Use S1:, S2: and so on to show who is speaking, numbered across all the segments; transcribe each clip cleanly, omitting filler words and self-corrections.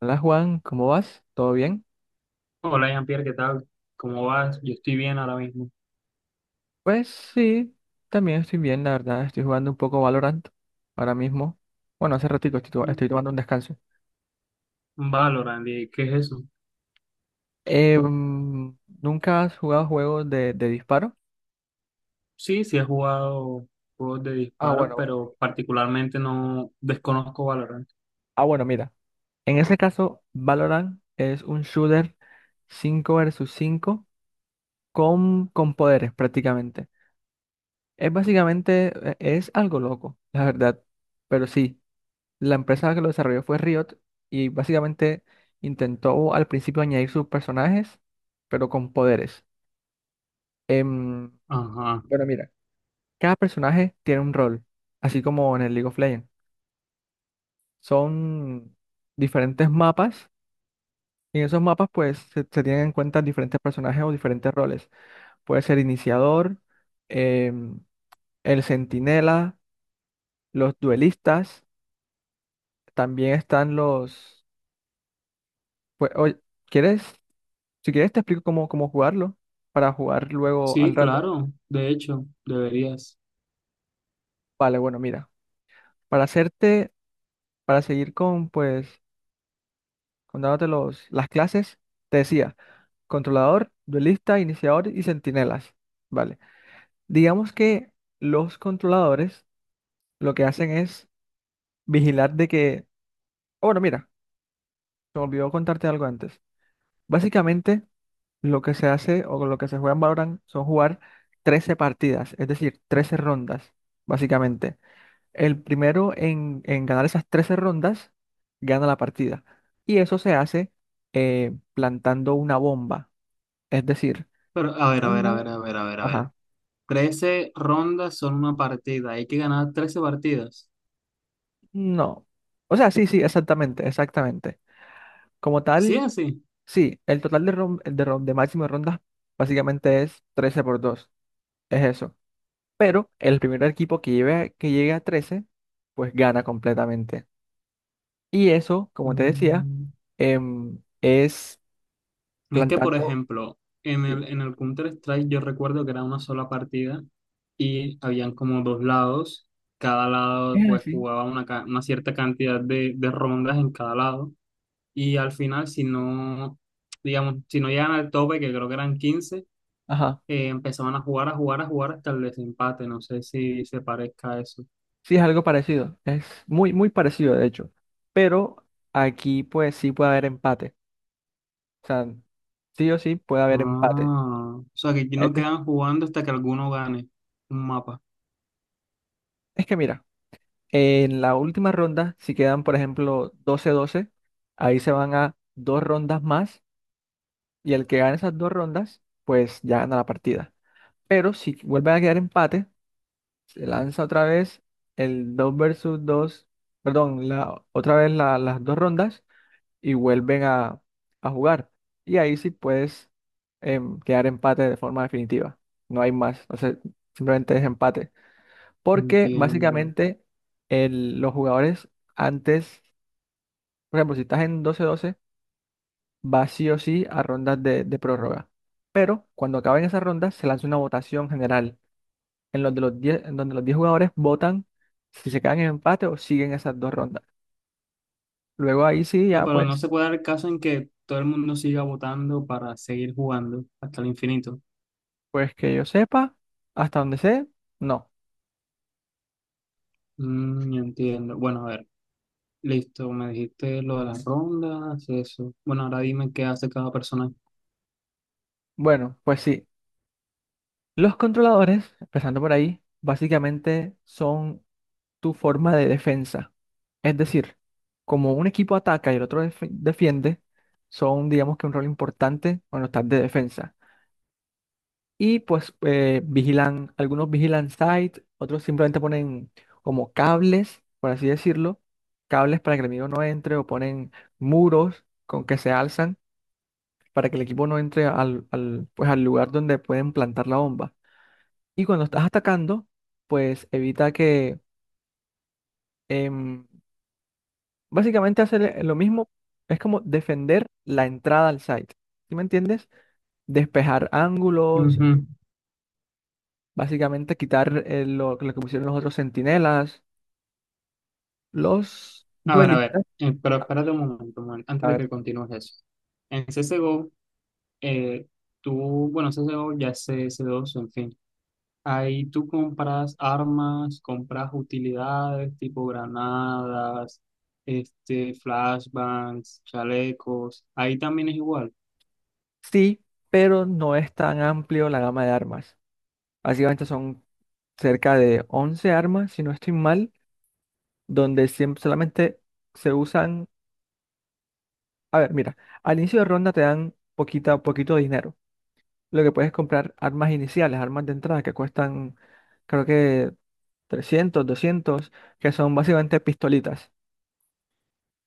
S1: Hola Juan, ¿cómo vas? ¿Todo bien?
S2: Hola Jean-Pierre, ¿qué tal? ¿Cómo vas? Yo estoy bien ahora mismo.
S1: Pues sí, también estoy bien, la verdad, estoy jugando un poco Valorant ahora mismo. Bueno, hace ratito estoy,
S2: Mm,
S1: estoy tomando un descanso.
S2: Valorant, ¿qué es eso?
S1: ¿Nunca has jugado juegos de disparo?
S2: Sí, sí he jugado juegos de
S1: Ah,
S2: disparos,
S1: bueno, bueno.
S2: pero particularmente no desconozco Valorant.
S1: Ah, bueno, mira. En ese caso, Valorant es un shooter 5 versus 5 con poderes prácticamente. Es básicamente, es algo loco, la verdad, pero sí. La empresa que lo desarrolló fue Riot y básicamente intentó al principio añadir sus personajes, pero con poderes. Em,
S2: Ajá.
S1: bueno, mira, cada personaje tiene un rol, así como en el League of Legends. Son diferentes mapas y en esos mapas pues se tienen en cuenta diferentes personajes o diferentes roles. Puede ser iniciador, em, el centinela, los duelistas, también están los pues, oye, ¿quieres? Si quieres, te explico cómo jugarlo para jugar luego
S2: Sí,
S1: al rato.
S2: claro, de hecho, deberías.
S1: Vale, bueno, mira, para hacerte, para seguir con, pues, con dándote los, las clases, te decía, controlador, duelista, iniciador y centinelas. Vale. Digamos que los controladores lo que hacen es vigilar de que, oh, bueno, mira, se me olvidó contarte algo antes. Básicamente, lo que se hace o lo que se juega en Valorant son jugar 13 partidas, es decir, 13 rondas, básicamente. El primero en ganar esas 13 rondas gana la partida. Y eso se hace plantando una bomba. Es decir,
S2: Pero a ver, a ver,
S1: una
S2: a ver, a ver, a ver, a ver.
S1: Ajá.
S2: 13 rondas son una partida, hay que ganar 13 partidas.
S1: No. O sea, sí, sí, exactamente, exactamente. Como
S2: ¿Sí es
S1: tal,
S2: así?
S1: sí, el total de, de máximo de rondas básicamente es 13 por dos. Es eso. Pero el primer equipo que lleve, que llegue a 13 pues gana completamente. Y eso, como te decía,
S2: Mm,
S1: es
S2: Es que, por
S1: plantando
S2: ejemplo, en
S1: sí,
S2: el, en el Counter-Strike yo recuerdo que era una sola partida y habían como dos lados. Cada lado
S1: es
S2: pues
S1: así,
S2: jugaba una cierta cantidad de rondas en cada lado. Y al final, si no, digamos, si no llegan al tope, que creo que eran 15
S1: ajá.
S2: empezaban a jugar, hasta el desempate. No sé si se parezca a eso.
S1: Sí, es algo parecido. Es muy, muy parecido, de hecho. Pero aquí, pues, sí puede haber empate. O sea, sí o sí puede haber empate.
S2: Ah, o sea que aquí
S1: Es,
S2: no
S1: de-
S2: quedan jugando hasta que alguno gane un mapa.
S1: es que mira, en la última ronda, si quedan, por ejemplo, doce doce, ahí se van a dos rondas más. Y el que gane esas dos rondas, pues ya gana la partida. Pero si vuelve a quedar empate, se lanza otra vez el 2 versus dos. Perdón, la, otra vez las dos rondas. Y vuelven a jugar. Y ahí sí puedes quedar empate de forma definitiva. No hay más. O sea, simplemente es empate. Porque
S2: Entiendo.
S1: básicamente los jugadores antes, por ejemplo, si estás en doce doce va sí o sí a rondas de prórroga. Pero cuando acaben esas rondas, se lanza una votación general en los de los 10 en donde los 10 jugadores votan si se quedan en empate o siguen esas dos rondas. Luego ahí sí,
S2: No,
S1: ya
S2: pero no
S1: pues,
S2: se puede dar el caso en que todo el mundo siga votando para seguir jugando hasta el infinito.
S1: pues que yo sepa, hasta donde sé, no.
S2: Yo entiendo. Bueno, a ver, listo, me dijiste lo de las rondas, eso. Bueno, ahora dime qué hace cada persona.
S1: Bueno, pues sí. Los controladores, empezando por ahí, básicamente son tu forma de defensa. Es decir, como un equipo ataca y el otro defiende, son, digamos que un rol importante cuando estás de defensa. Y pues vigilan, algunos vigilan site, otros simplemente ponen como cables, por así decirlo, cables para que el enemigo no entre o ponen muros con que se alzan para que el equipo no entre pues, al lugar donde pueden plantar la bomba. Y cuando estás atacando, pues evita que em, básicamente hacer lo mismo, es como defender la entrada al site. ¿Sí me entiendes? Despejar ángulos,
S2: Ujú.
S1: básicamente quitar lo que pusieron los otros centinelas. Los
S2: A ver,
S1: duelistas,
S2: pero espérate un momento, antes
S1: a
S2: de que
S1: ver,
S2: continúes eso. En CSGO, eh, tú, bueno, CSGO ya es CS2, en fin. Ahí tú compras armas, compras utilidades tipo granadas, flashbangs, chalecos. Ahí también es igual.
S1: sí, pero no es tan amplio la gama de armas. Básicamente son cerca de 11 armas, si no estoy mal, donde siempre solamente se usan, a ver, mira, al inicio de ronda te dan poquita, poquito dinero. Lo que puedes comprar armas iniciales, armas de entrada que cuestan, creo que 300, 200, que son básicamente pistolitas.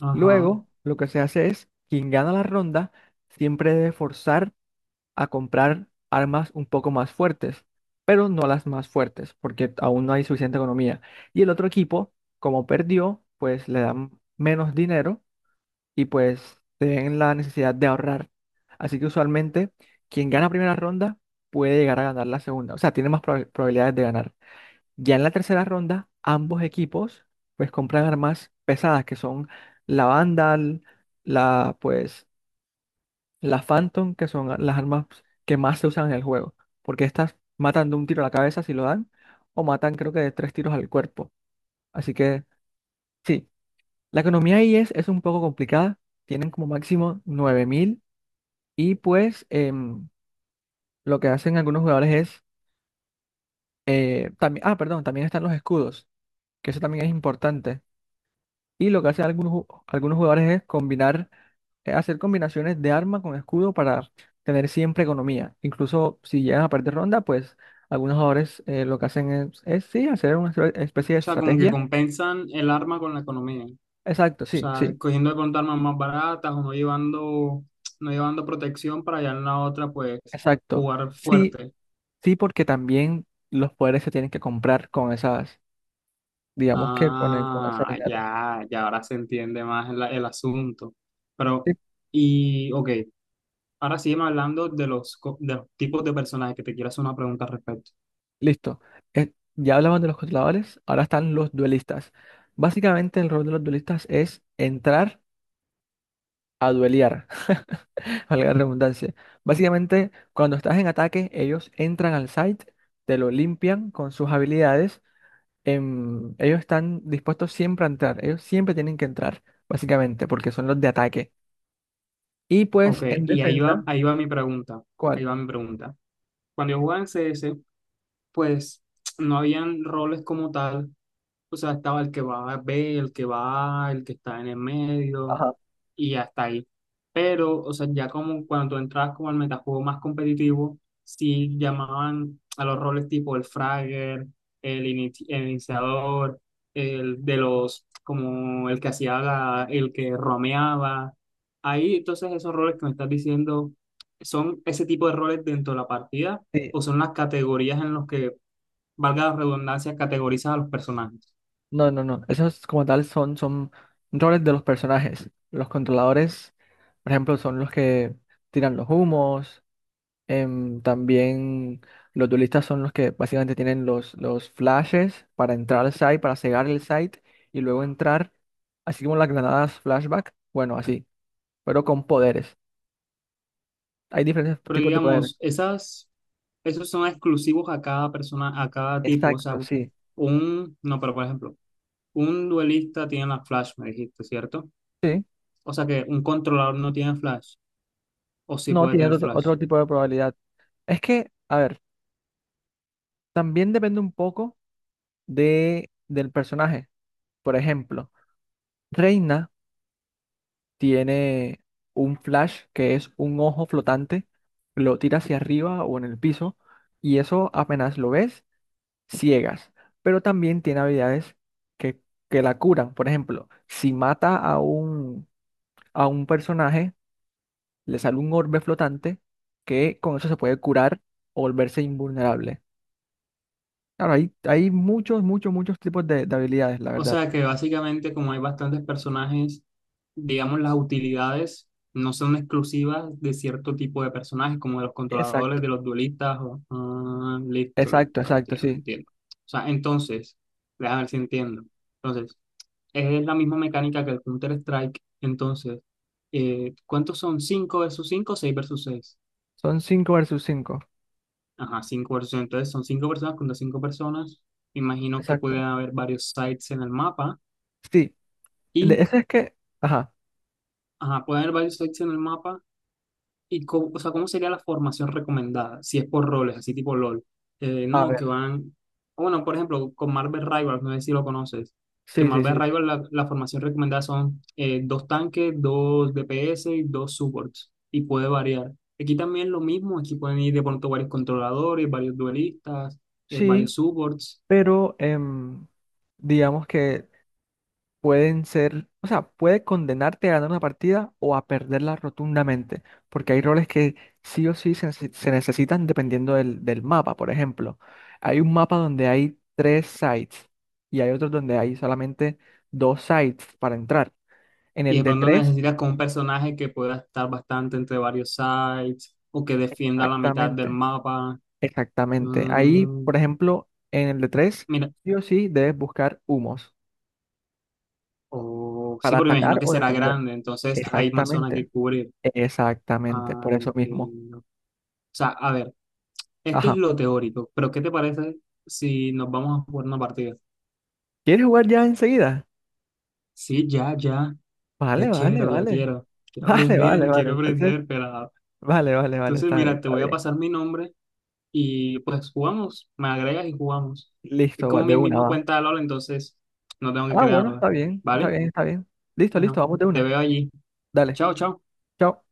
S2: Ajá. O
S1: Luego, lo que se hace es, quien gana la ronda siempre debe forzar a comprar armas un poco más fuertes, pero no las más fuertes, porque aún no hay suficiente economía. Y el otro equipo, como perdió, pues le dan menos dinero y pues se ven la necesidad de ahorrar. Así que usualmente quien gana primera ronda puede llegar a ganar la segunda, o sea, tiene más probabilidades de ganar. Ya en la tercera ronda, ambos equipos pues compran armas pesadas que son la Vandal, la pues la Phantom, que son las armas que más se usan en el juego, porque estas matan de un tiro a la cabeza si lo dan o matan creo que de tres tiros al cuerpo. Así que sí, la economía ahí es un poco complicada. Tienen como máximo 9.000. Y pues lo que hacen algunos jugadores es, también, ah, perdón, también están los escudos, que eso también es importante. Y lo que hacen algunos, algunos jugadores es combinar, hacer combinaciones de arma con escudo para tener siempre economía. Incluso si llegan a perder ronda, pues algunos jugadores lo que hacen es, sí, hacer una especie de
S2: sea, como que
S1: estrategia.
S2: compensan el arma con la economía. O
S1: Exacto, sí,
S2: sea,
S1: sí,
S2: cogiendo de pronto armas más baratas o no llevando protección para allá en la otra, pues
S1: exacto.
S2: jugar
S1: Sí,
S2: fuerte.
S1: sí, porque también los poderes se tienen que comprar con esas, digamos que con, con ese
S2: Ah,
S1: dinero.
S2: ya, ya ahora se entiende más el asunto.
S1: Sí,
S2: Pero, ok. Ahora sígueme hablando de los tipos de personajes que te quiero hacer una pregunta al respecto.
S1: listo. Ya hablamos de los controladores, ahora están los duelistas. Básicamente el rol de los duelistas es entrar a duelear, valga la redundancia. Básicamente, cuando estás en ataque, ellos entran al site, te lo limpian con sus habilidades. Ellos están dispuestos siempre a entrar, ellos siempre tienen que entrar, básicamente, porque son los de ataque. Y
S2: Ok,
S1: pues en
S2: y
S1: defensa,
S2: ahí va mi pregunta. Ahí
S1: ¿cuál?
S2: va mi pregunta. Cuando yo jugaba en CS, pues no habían roles como tal, o sea, estaba el que va a B, el que va A, el que está en el medio
S1: Ajá.
S2: y hasta ahí. Pero, o sea, ya como cuando tú entrabas como al metajuego más competitivo, sí llamaban a los roles tipo el fragger, el iniciador, el de los, como el que hacía el que romeaba. Ahí, entonces, esos roles que me estás diciendo, ¿son ese tipo de roles dentro de la partida o
S1: Sí,
S2: son las categorías en los que, valga la redundancia, categorizas a los personajes?
S1: no, no, no. Esos como tal son, son roles de los personajes. Los controladores, por ejemplo, son los que tiran los humos. También los duelistas son los que básicamente tienen los flashes para entrar al site, para cegar el site y luego entrar, así como las granadas flashback. Bueno, así, pero con poderes. Hay diferentes
S2: Pero
S1: tipos de poder.
S2: digamos, esos son exclusivos a cada persona, a cada tipo. O sea,
S1: Exacto, sí.
S2: no, pero por ejemplo, un duelista tiene la flash, me dijiste, ¿cierto?
S1: Sí.
S2: O sea que un controlador no tiene flash, o sí
S1: No,
S2: puede
S1: tiene
S2: tener
S1: otro,
S2: flash.
S1: otro tipo de probabilidad. Es que, a ver, también depende un poco de, del personaje. Por ejemplo, Reina tiene un flash que es un ojo flotante, lo tira hacia arriba o en el piso y eso apenas lo ves, ciegas. Pero también tiene habilidades que, que la curan. Por ejemplo, si mata a un personaje, le sale un orbe flotante que con eso se puede curar o volverse invulnerable. Claro, hay muchos, muchos, muchos tipos de habilidades, la
S2: O
S1: verdad.
S2: sea que básicamente, como hay bastantes personajes, digamos, las utilidades no son exclusivas de cierto tipo de personajes, como de los controladores,
S1: Exacto,
S2: de los duelistas. Listo,
S1: exacto,
S2: listo,
S1: exacto,
S2: entiendo,
S1: sí.
S2: entiendo. O sea, entonces, déjame ver si entiendo. Entonces, es la misma mecánica que el Counter-Strike. Entonces, ¿cuántos son? ¿Cinco versus cinco, 6 versus seis?
S1: Son 5 versus 5.
S2: Ajá, cinco versus seis. Entonces, son 5 personas contra 5 personas. Imagino que pueden
S1: Exacto.
S2: haber varios sites en el mapa.
S1: Sí, de
S2: Y,
S1: eso es que, ajá,
S2: ajá, pueden haber varios sites en el mapa. ¿Y cómo, o sea, cómo sería la formación recomendada? Si es por roles, así tipo LOL.
S1: a
S2: No, que
S1: ver,
S2: van. O bueno, por ejemplo, con Marvel Rivals, no sé si lo conoces. Que
S1: sí, sí,
S2: Marvel
S1: sí,
S2: Rivals, la formación recomendada son dos tanques, dos DPS y dos supports. Y puede variar. Aquí también lo mismo. Aquí pueden ir de pronto varios controladores, varios duelistas, varios
S1: sí,
S2: supports.
S1: pero digamos que pueden ser, o sea, puede condenarte a ganar una partida o a perderla rotundamente, porque hay roles que sí o sí se, se necesitan dependiendo del mapa, por ejemplo. Hay un mapa donde hay tres sites y hay otros donde hay solamente dos sites para entrar. En
S2: Y
S1: el
S2: de
S1: de
S2: pronto
S1: tres,
S2: necesitas con un personaje que pueda estar bastante entre varios sides o que defienda la mitad del
S1: exactamente.
S2: mapa.
S1: Exactamente. Ahí,
S2: Mm,
S1: por ejemplo, en el de tres,
S2: Mira,
S1: sí o sí debes buscar humos
S2: o, sí,
S1: para
S2: porque me
S1: atacar
S2: imagino que
S1: o
S2: será
S1: defender.
S2: grande, entonces hay más zona
S1: Exactamente.
S2: que cubrir.
S1: Exactamente.
S2: Ah,
S1: Por eso mismo.
S2: entiendo. O sea, a ver, esto es
S1: Ajá.
S2: lo teórico, pero ¿qué te parece si nos vamos a jugar una partida?
S1: ¿Quieres jugar ya enseguida?
S2: Sí, ya, ya, ya
S1: Vale, vale,
S2: quiero, ya
S1: vale.
S2: quiero. Quiero
S1: Vale, vale,
S2: aprender,
S1: vale.
S2: quiero
S1: Entonces,
S2: aprender, pero...
S1: vale, vale, vale.
S2: Entonces,
S1: Está,
S2: mira, te
S1: está
S2: voy a
S1: bien.
S2: pasar mi nombre y pues jugamos, me agregas y jugamos. Es
S1: Listo, va,
S2: como
S1: de
S2: mi
S1: una
S2: misma
S1: va.
S2: cuenta de LOL, entonces no tengo que
S1: Ah, bueno,
S2: crearla,
S1: está bien. Está
S2: ¿vale?
S1: bien, está bien. Listo, listo.
S2: Bueno,
S1: Vamos de
S2: te
S1: una.
S2: veo allí.
S1: Dale.
S2: Chao, chao.
S1: Chao.